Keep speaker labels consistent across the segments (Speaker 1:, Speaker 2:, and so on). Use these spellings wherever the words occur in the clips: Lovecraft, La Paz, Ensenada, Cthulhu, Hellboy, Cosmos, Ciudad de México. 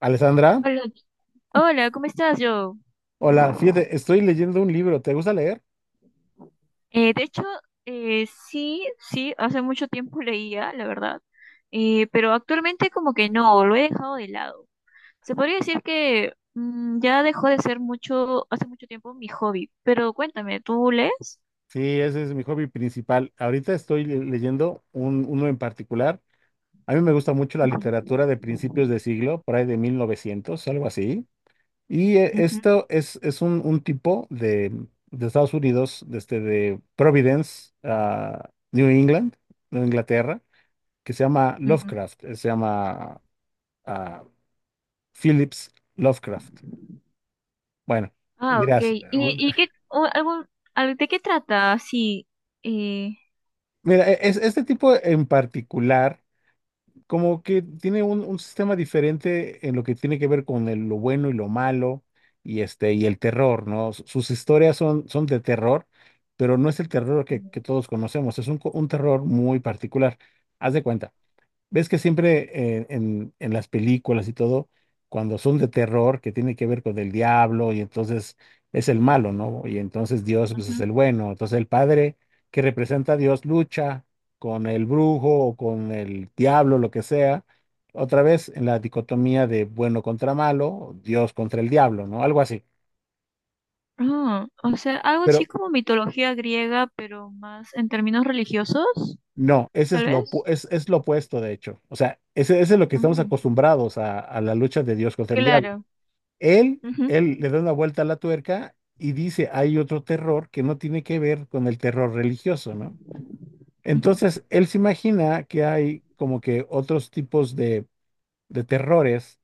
Speaker 1: Alessandra,
Speaker 2: Hola, hola, ¿cómo estás, yo?
Speaker 1: hola, fíjate, estoy leyendo un libro, ¿te gusta leer?
Speaker 2: De hecho, sí, sí, hace mucho tiempo leía, la verdad, pero actualmente como que no, lo he dejado de lado. Se podría decir que ya dejó de ser mucho, hace mucho tiempo mi hobby, pero cuéntame, ¿tú lees?
Speaker 1: Sí, ese es mi hobby principal. Ahorita estoy leyendo uno en particular. A mí me gusta mucho la
Speaker 2: Ujú,
Speaker 1: literatura de principios de siglo, por ahí de 1900, algo así. Y
Speaker 2: ujú,
Speaker 1: esto es un tipo de Estados Unidos, desde de Providence, New England, Nueva Inglaterra, que se llama
Speaker 2: ujú.
Speaker 1: Lovecraft, se llama ah, Phillips Lovecraft. Bueno,
Speaker 2: Ah, ok.
Speaker 1: dirás.
Speaker 2: ¿Y qué, o de qué trata? Sí. Eh,
Speaker 1: Mira, este tipo en particular, como que tiene un sistema diferente en lo que tiene que ver con lo bueno y lo malo y, y el terror, ¿no? Sus historias son de terror, pero no es el terror que todos conocemos, es un terror muy particular. Haz de cuenta. Ves que siempre en las películas y todo, cuando son de terror, que tiene que ver con el diablo, y entonces es el malo, ¿no? Y entonces Dios, pues, es
Speaker 2: ujú.
Speaker 1: el bueno. Entonces el padre que representa a Dios lucha con el brujo o con el diablo, lo que sea. Otra vez en la dicotomía de bueno contra malo, Dios contra el diablo, ¿no? Algo así.
Speaker 2: Ah, o sea, algo así
Speaker 1: Pero
Speaker 2: como mitología griega, pero más en términos religiosos.
Speaker 1: no, ese
Speaker 2: tal
Speaker 1: es lo, opu-
Speaker 2: vez.
Speaker 1: es, es lo opuesto, de hecho. O sea, ese es lo que estamos
Speaker 2: Ujú,
Speaker 1: acostumbrados a la lucha de Dios contra el diablo.
Speaker 2: claro.
Speaker 1: Él,
Speaker 2: Ujú,
Speaker 1: él le da una vuelta a la tuerca y dice, hay otro terror que no tiene que ver con el terror religioso, ¿no?
Speaker 2: ujú,
Speaker 1: Entonces, él se imagina que hay como que otros tipos de terrores,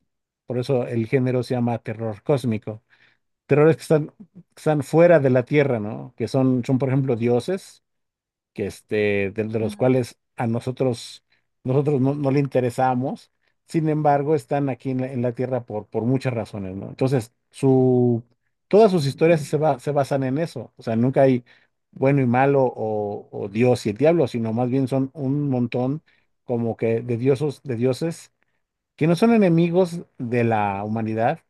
Speaker 1: por eso el género se llama terror cósmico, terrores que están, fuera de la Tierra, ¿no? Que son, por ejemplo, dioses que de
Speaker 2: ujú,
Speaker 1: los cuales a nosotros no le interesamos, sin embargo, están aquí en la Tierra por muchas razones, ¿no? Entonces, todas sus historias se basan en eso, o sea, nunca hay bueno y malo o Dios y el diablo, sino más bien son un montón como que de dioses que no son enemigos de la humanidad,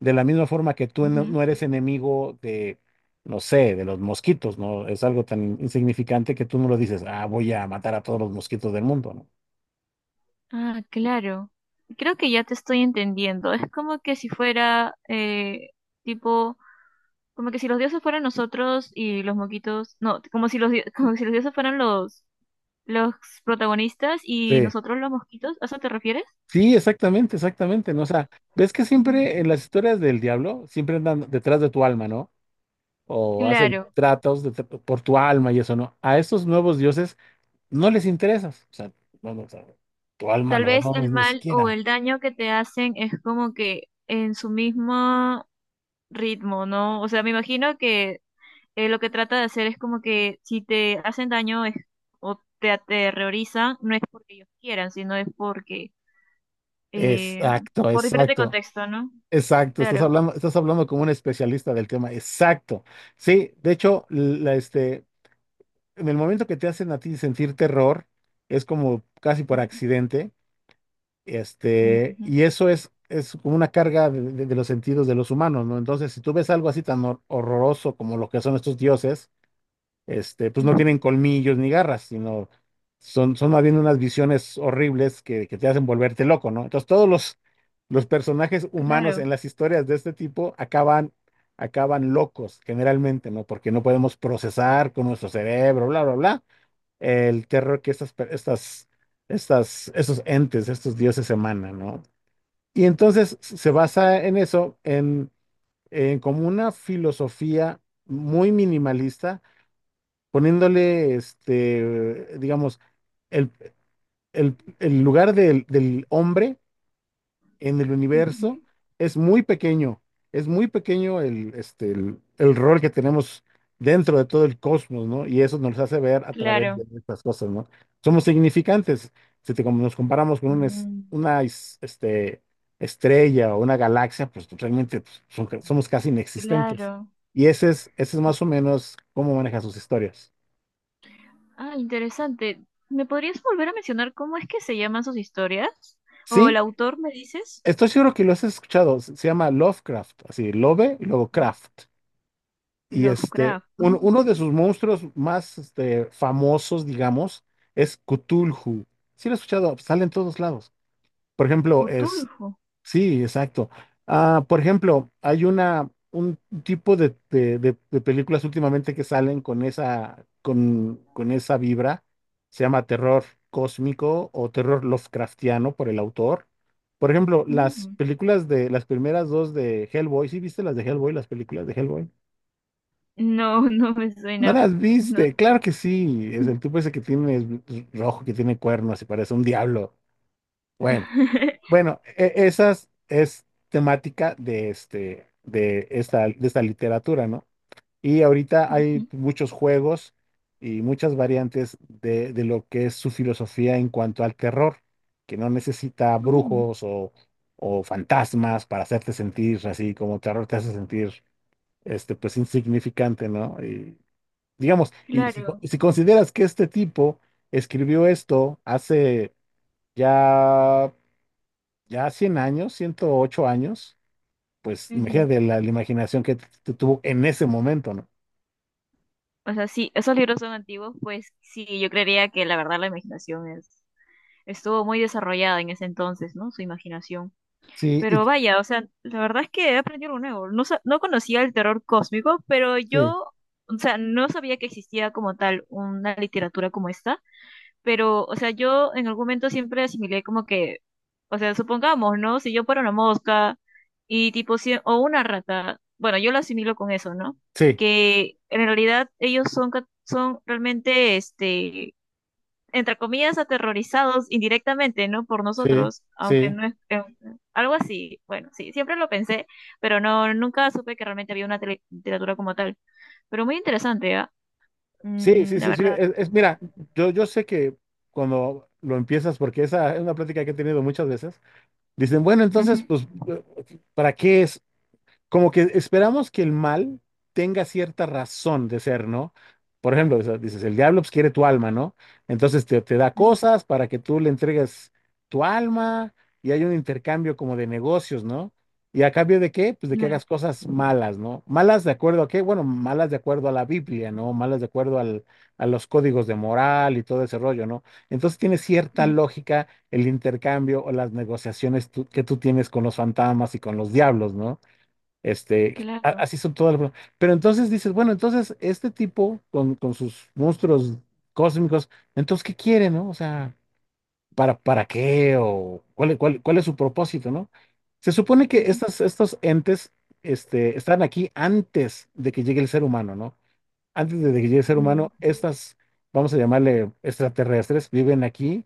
Speaker 1: de la misma forma que tú no,
Speaker 2: ujú.
Speaker 1: no eres enemigo de, no sé, de los mosquitos, ¿no? Es algo tan insignificante que tú no lo dices, ah, voy a matar a todos los mosquitos del mundo, ¿no?
Speaker 2: Ah, claro. Creo que ya te estoy entendiendo. Es como que si fuera, tipo, como que si los dioses fueran nosotros y los moquitos, no, como si como si los dioses fueran los protagonistas y
Speaker 1: Sí.
Speaker 2: nosotros los mosquitos. ¿A eso te refieres?
Speaker 1: Sí, exactamente, exactamente, ¿no? O sea, ves que siempre
Speaker 2: Mm.
Speaker 1: en las historias del diablo, siempre andan detrás de tu alma, ¿no? O hacen
Speaker 2: Claro,
Speaker 1: tratos por tu alma y eso, ¿no? A estos nuevos dioses no les interesas, o sea, no, no, o sea, tu alma
Speaker 2: tal
Speaker 1: no,
Speaker 2: vez
Speaker 1: no,
Speaker 2: el
Speaker 1: ni
Speaker 2: mal o
Speaker 1: siquiera.
Speaker 2: el daño que te hacen es como que en su mismo ritmo, ¿no? O sea, me imagino que lo que trata de hacer es como que si te hacen daño es- o te aterrorizan, no es porque ellos quieran, sino es porque, eh,
Speaker 1: Exacto,
Speaker 2: por diferente
Speaker 1: exacto.
Speaker 2: contexto, ¿no?
Speaker 1: Exacto, estás
Speaker 2: Claro.
Speaker 1: hablando, estás hablando como un especialista del tema. Exacto. Sí, de hecho, en el momento que te hacen a ti sentir terror, es como casi por
Speaker 2: Ujú,
Speaker 1: accidente,
Speaker 2: ujú,
Speaker 1: y eso es, como una carga de los sentidos de los humanos, ¿no? Entonces, si tú ves algo así tan horroroso como lo que son estos dioses, pues no
Speaker 2: ujú.
Speaker 1: tienen colmillos ni garras, sino son más bien unas visiones horribles que te hacen volverte loco, ¿no? Entonces todos los personajes humanos
Speaker 2: Claro.
Speaker 1: en las historias de este tipo acaban, locos generalmente, ¿no? Porque no podemos procesar con nuestro cerebro, bla, bla, bla, el terror que estas, per- estas, estas, estos entes, estos dioses emanan, ¿no? Y entonces se basa en eso, en como una filosofía muy minimalista poniéndole, digamos, el, el lugar del hombre en el universo
Speaker 2: Ujú.
Speaker 1: es muy pequeño, es muy pequeño el rol que tenemos dentro de todo el cosmos, ¿no? Y eso nos hace ver a través de
Speaker 2: Claro.
Speaker 1: estas cosas, ¿no? Somos significantes, si te- como nos comparamos con una, es-
Speaker 2: Mm,
Speaker 1: una es- este, estrella o una galaxia, pues realmente pues, somos casi inexistentes.
Speaker 2: Claro.
Speaker 1: Y ese es
Speaker 2: Sí.
Speaker 1: más o menos cómo maneja sus historias.
Speaker 2: Ah, interesante. ¿Me podrías volver a mencionar cómo es que se llaman sus historias? ¿O
Speaker 1: Sí,
Speaker 2: el autor me dices?
Speaker 1: estoy seguro que lo has escuchado. Se llama Lovecraft, así, Love y luego Craft. Y
Speaker 2: Lovecraft.
Speaker 1: un-
Speaker 2: Oh,
Speaker 1: uno de sus monstruos más famosos, digamos, es Cthulhu. Sí lo he escuchado, sale en todos lados. Por ejemplo.
Speaker 2: Cthulhu.
Speaker 1: Sí, exacto. Ah, por ejemplo, hay un tipo de películas últimamente que salen con esa vibra. Se llama terror cósmico o terror Lovecraftiano por el autor. Por ejemplo, las películas de las primeras dos de Hellboy. ¿Sí viste las de Hellboy, las películas de Hellboy?
Speaker 2: No, no me
Speaker 1: ¿No
Speaker 2: suena.
Speaker 1: las
Speaker 2: No.
Speaker 1: viste? Claro que sí. Es el tipo ese que tiene es rojo, que tiene cuernos y parece un diablo. Bueno. Bueno, esas es temática de esta literatura, ¿no? Y ahorita hay muchos juegos y muchas variantes de lo que es su filosofía en cuanto al terror, que no necesita
Speaker 2: Mm,
Speaker 1: brujos o fantasmas para hacerte sentir así como terror te hace sentir, pues insignificante, ¿no? Y digamos, y si, co-
Speaker 2: Claro.
Speaker 1: si consideras que este tipo escribió esto hace ya ya 100 años, 108 años, pues
Speaker 2: Ujú.
Speaker 1: imagínate la imaginación que tuvo en ese momento, ¿no?
Speaker 2: O sea, sí, esos libros son antiguos, pues sí, yo creería que la verdad la imaginación es, estuvo muy desarrollada en ese entonces, ¿no? Su imaginación.
Speaker 1: Sí,
Speaker 2: Pero vaya, o sea, la verdad es que he aprendido algo nuevo. No, no conocía el terror cósmico, pero
Speaker 1: sí,
Speaker 2: yo, o sea, no sabía que existía como tal una literatura como esta. Pero, o sea, yo en algún momento siempre asimilé como que, o sea, supongamos, ¿no? Si yo fuera una mosca y tipo, o una rata, bueno, yo lo asimilo con eso, ¿no?
Speaker 1: sí,
Speaker 2: Que en realidad ellos son, son realmente, este, entre comillas, aterrorizados indirectamente, ¿no? Por
Speaker 1: sí,
Speaker 2: nosotros, aunque
Speaker 1: sí,
Speaker 2: no es, algo así. Bueno, sí, siempre lo pensé, pero no, nunca supe que realmente había una literatura como tal. Pero muy interesante, ¿ah?
Speaker 1: sí,
Speaker 2: Mm,
Speaker 1: sí,
Speaker 2: la
Speaker 1: sí, sí.
Speaker 2: verdad.
Speaker 1: Mira, yo sé que cuando lo empiezas, porque esa es una plática que he tenido muchas veces, dicen, bueno,
Speaker 2: Ujú,
Speaker 1: entonces, pues, ¿para qué es? Como que esperamos que el mal tenga cierta razón de ser, ¿no? Por ejemplo, o sea, dices, el diablo pues, quiere tu alma, ¿no? Entonces te da
Speaker 2: ujú.
Speaker 1: cosas para que tú le entregues tu alma y hay un intercambio como de negocios, ¿no? ¿Y a cambio de qué? Pues de que
Speaker 2: Claro,
Speaker 1: hagas cosas malas, ¿no? ¿Malas de acuerdo a qué? Bueno, malas de acuerdo a la Biblia, ¿no? Malas de acuerdo a los códigos de moral y todo ese rollo, ¿no? Entonces tiene cierta
Speaker 2: ujú,
Speaker 1: lógica el intercambio o las negociaciones que tú tienes con los fantasmas y con los diablos, ¿no?
Speaker 2: claro.
Speaker 1: Así son todas las... Pero entonces dices, bueno, entonces este tipo con sus monstruos cósmicos, entonces, ¿qué quiere, no? O sea, ¿para qué? ¿O cuál es su propósito, no? Se supone que
Speaker 2: Ujú.
Speaker 1: estos entes, están aquí antes de que llegue el ser humano, ¿no? Antes de que llegue el ser
Speaker 2: Mm,
Speaker 1: humano, vamos a llamarle extraterrestres, viven aquí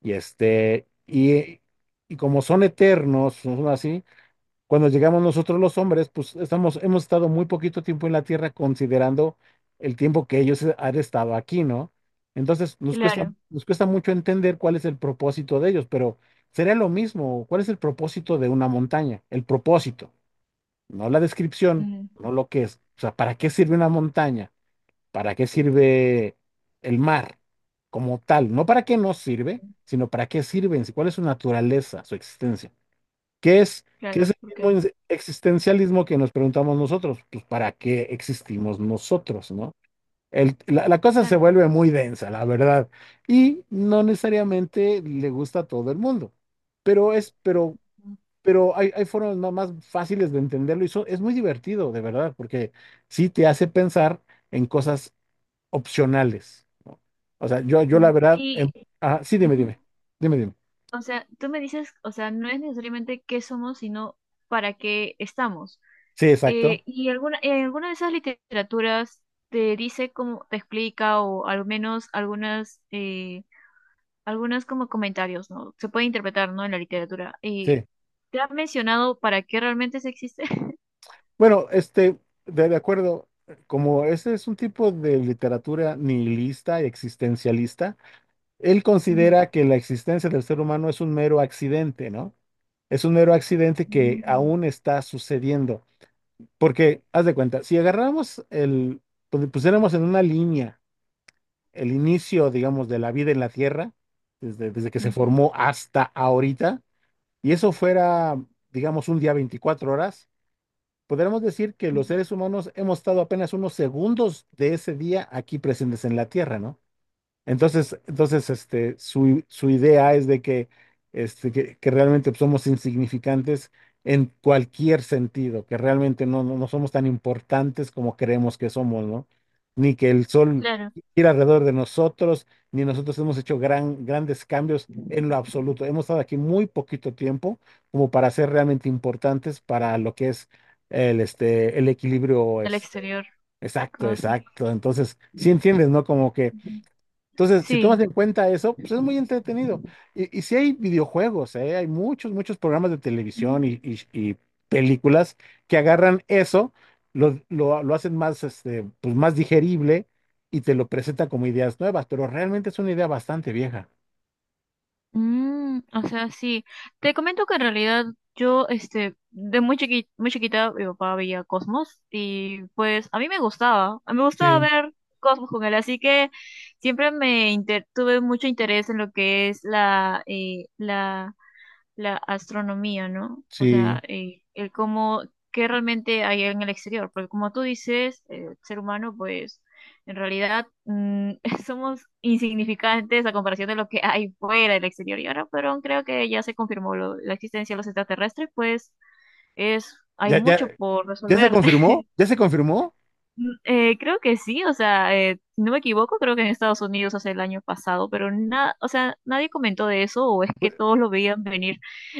Speaker 1: y y como son eternos, son así, cuando llegamos nosotros los hombres, pues hemos estado muy poquito tiempo en la Tierra considerando el tiempo que ellos han estado aquí, ¿no? Entonces nos cuesta,
Speaker 2: Claro,
Speaker 1: nos cuesta mucho entender cuál es el propósito de ellos, pero sería lo mismo, ¿cuál es el propósito de una montaña? El propósito, no la descripción,
Speaker 2: mm,
Speaker 1: no lo que es. O sea, ¿para qué sirve una montaña? ¿Para qué sirve el mar como tal? No para qué nos sirve, sino para qué sirven, cuál es su naturaleza, su existencia. ¿Qué es, qué es
Speaker 2: claro,
Speaker 1: el mismo
Speaker 2: porque,
Speaker 1: existencialismo que nos preguntamos nosotros? Pues, ¿para qué existimos nosotros, no? La cosa se
Speaker 2: claro.
Speaker 1: vuelve muy densa, la verdad, y no necesariamente le gusta a todo el mundo, pero es, pero,
Speaker 2: mm,
Speaker 1: pero hay formas más fáciles de entenderlo y eso es muy divertido, de verdad, porque sí te hace pensar en cosas opcionales, ¿no? O sea, yo la
Speaker 2: mm.
Speaker 1: verdad,
Speaker 2: Y,
Speaker 1: ajá, sí, dime,
Speaker 2: ujú,
Speaker 1: dime, dime, dime.
Speaker 2: o sea, tú me dices, o sea, no es necesariamente qué somos, sino para qué estamos.
Speaker 1: Sí, exacto.
Speaker 2: Y alguna, en alguna de esas literaturas te dice cómo te explica, o al menos algunas, algunos como comentarios, ¿no? Se puede interpretar, ¿no? En la literatura. Y
Speaker 1: Sí.
Speaker 2: ¿te han mencionado para qué realmente se existe?
Speaker 1: Bueno, de acuerdo, como ese es un tipo de literatura nihilista y existencialista, él
Speaker 2: Ujú.
Speaker 1: considera que la existencia del ser humano es un mero accidente, ¿no? Es un mero accidente que
Speaker 2: Mm,
Speaker 1: aún está sucediendo. Porque, haz de cuenta, si agarramos pusiéramos en una línea el inicio, digamos, de la vida en la Tierra, desde que se
Speaker 2: ujú,
Speaker 1: formó hasta ahorita, y eso fuera, digamos, un día 24 horas. Podríamos decir que los
Speaker 2: ujú.
Speaker 1: seres humanos hemos estado apenas unos segundos de ese día aquí presentes en la Tierra, ¿no? Entonces su idea es de que realmente pues, somos insignificantes en cualquier sentido, que realmente no somos tan importantes como creemos que somos, ¿no? Ni que el sol
Speaker 2: Claro,
Speaker 1: gira alrededor de nosotros, ni nosotros hemos hecho grandes cambios en lo absoluto. Hemos estado aquí muy poquito tiempo como para ser realmente importantes para lo que es el equilibrio,
Speaker 2: al exterior.
Speaker 1: exacto,
Speaker 2: Cósmico.
Speaker 1: exacto. Entonces, sí entiendes, ¿no? Como que entonces, si tomas
Speaker 2: Sí.
Speaker 1: en cuenta eso, pues es muy entretenido. Y sí hay videojuegos, ¿eh? Hay muchos programas de
Speaker 2: Mm,
Speaker 1: televisión y películas que agarran eso, lo hacen más, pues más digerible y te lo presentan como ideas nuevas, pero realmente es una idea bastante vieja.
Speaker 2: Mm, o sea, sí. Te comento que en realidad yo, de muy chiquita, mi papá veía Cosmos y pues a mí me gustaba, a mí me gustaba
Speaker 1: Sí,
Speaker 2: ver Cosmos con él, así que siempre tuve mucho interés en lo que es la astronomía, ¿no? O
Speaker 1: sí.
Speaker 2: sea, el cómo, qué realmente hay en el exterior, porque como tú dices, el ser humano, pues en realidad somos insignificantes a comparación de lo que hay fuera del exterior. Y ahora, pero creo que ya se confirmó la existencia de los extraterrestres, pues es, hay
Speaker 1: ¿Ya, ya,
Speaker 2: mucho por
Speaker 1: ya se
Speaker 2: resolver.
Speaker 1: confirmó? ¿Ya se confirmó?
Speaker 2: Mm, creo que sí, o sea, si no me equivoco, creo que en Estados Unidos hace el año pasado, pero nada, o sea, nadie comentó de eso, o es que
Speaker 1: Pues,
Speaker 2: todos lo veían venir.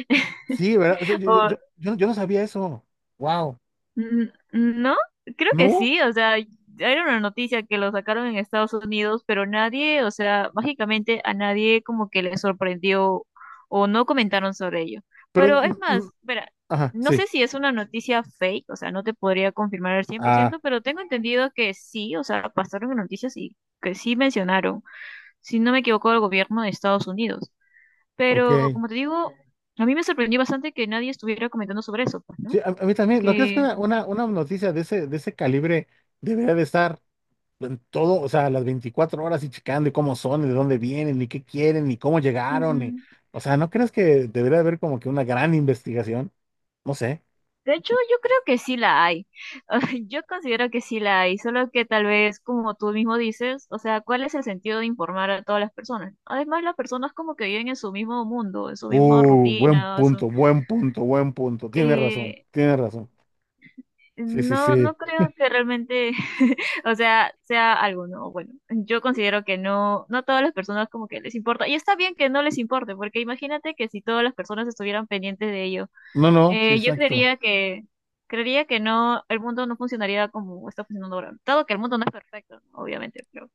Speaker 1: sí, ¿verdad? O sea, yo no sabía eso. Wow.
Speaker 2: Mm, no, creo que
Speaker 1: ¿No?
Speaker 2: sí, o sea, era una noticia que lo sacaron en Estados Unidos, pero nadie, o sea, mágicamente a nadie como que le sorprendió o no comentaron sobre ello.
Speaker 1: Pero,
Speaker 2: Pero
Speaker 1: mm,
Speaker 2: es más,
Speaker 1: mm,
Speaker 2: espera,
Speaker 1: ajá,
Speaker 2: no
Speaker 1: sí.
Speaker 2: sé si es una noticia fake, o sea, no te podría confirmar al cien por
Speaker 1: Ah,
Speaker 2: ciento pero tengo entendido que sí, o sea, pasaron en noticias y que sí mencionaron, si no me equivoco, el gobierno de Estados Unidos. Pero
Speaker 1: ok.
Speaker 2: como te digo, a mí me sorprendió bastante que nadie estuviera comentando sobre eso, pues,
Speaker 1: Sí,
Speaker 2: ¿no?
Speaker 1: a mí también, ¿no crees que
Speaker 2: Que...
Speaker 1: una noticia de ese calibre debería de estar en todo, o sea, las 24 horas y checando y cómo son, y de dónde vienen, y qué quieren, y cómo llegaron, o sea, ¿no crees que debería haber como que una gran investigación? No sé.
Speaker 2: De hecho, yo creo que sí la hay. Yo considero que sí la hay, solo que tal vez, como tú mismo dices, o sea, ¿cuál es el sentido de informar a todas las personas? Además, las personas como que viven en su mismo mundo, en su misma
Speaker 1: Buen
Speaker 2: rutina, en
Speaker 1: punto, buen punto, buen punto. Tienes razón,
Speaker 2: eh,
Speaker 1: tienes razón. Sí, sí,
Speaker 2: no,
Speaker 1: sí.
Speaker 2: no creo que realmente, o sea, sea algo, ¿no? Bueno, yo considero que no, no a todas las personas como que les importa. Y está bien que no les importe, porque imagínate que si todas las personas estuvieran pendientes de ello
Speaker 1: No, no, sí,
Speaker 2: Eh, Yo
Speaker 1: exacto.
Speaker 2: creería que no, el mundo no funcionaría como está funcionando ahora. Dado que el mundo no es perfecto, ¿no? Obviamente, pero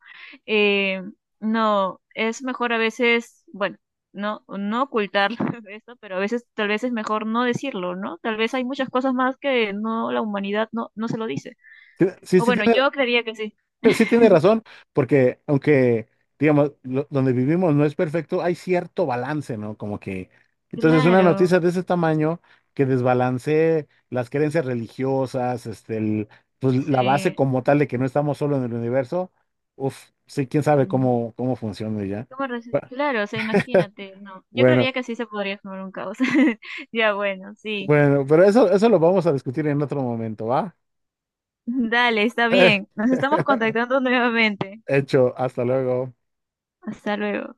Speaker 2: eh, no, es mejor a veces, bueno, no, no ocultar esto, pero a veces tal vez es mejor no decirlo, ¿no? Tal vez hay muchas cosas más que no, la humanidad no, no se lo dice.
Speaker 1: Sí, sí,
Speaker 2: O
Speaker 1: sí,
Speaker 2: bueno,
Speaker 1: tiene-
Speaker 2: yo creería que sí.
Speaker 1: Sí tiene razón, porque aunque, digamos, donde vivimos no es perfecto, hay cierto balance, ¿no? Como que, entonces una
Speaker 2: Claro,
Speaker 1: noticia de ese tamaño que desbalancee las creencias religiosas, pues la base
Speaker 2: sí.
Speaker 1: como tal de que no estamos solo en el universo, uf, sí, quién sabe
Speaker 2: Mm.
Speaker 1: cómo funciona ya. Bu-
Speaker 2: Claro, o sea, imagínate, no. Yo
Speaker 1: Bueno,
Speaker 2: creería que sí se podría formar un caos. Ya, bueno, sí.
Speaker 1: bueno, pero eso lo vamos a discutir en otro momento, ¿va?
Speaker 2: Dale, está bien. Nos estamos contactando nuevamente.
Speaker 1: Hecho, hasta luego.
Speaker 2: Hasta luego.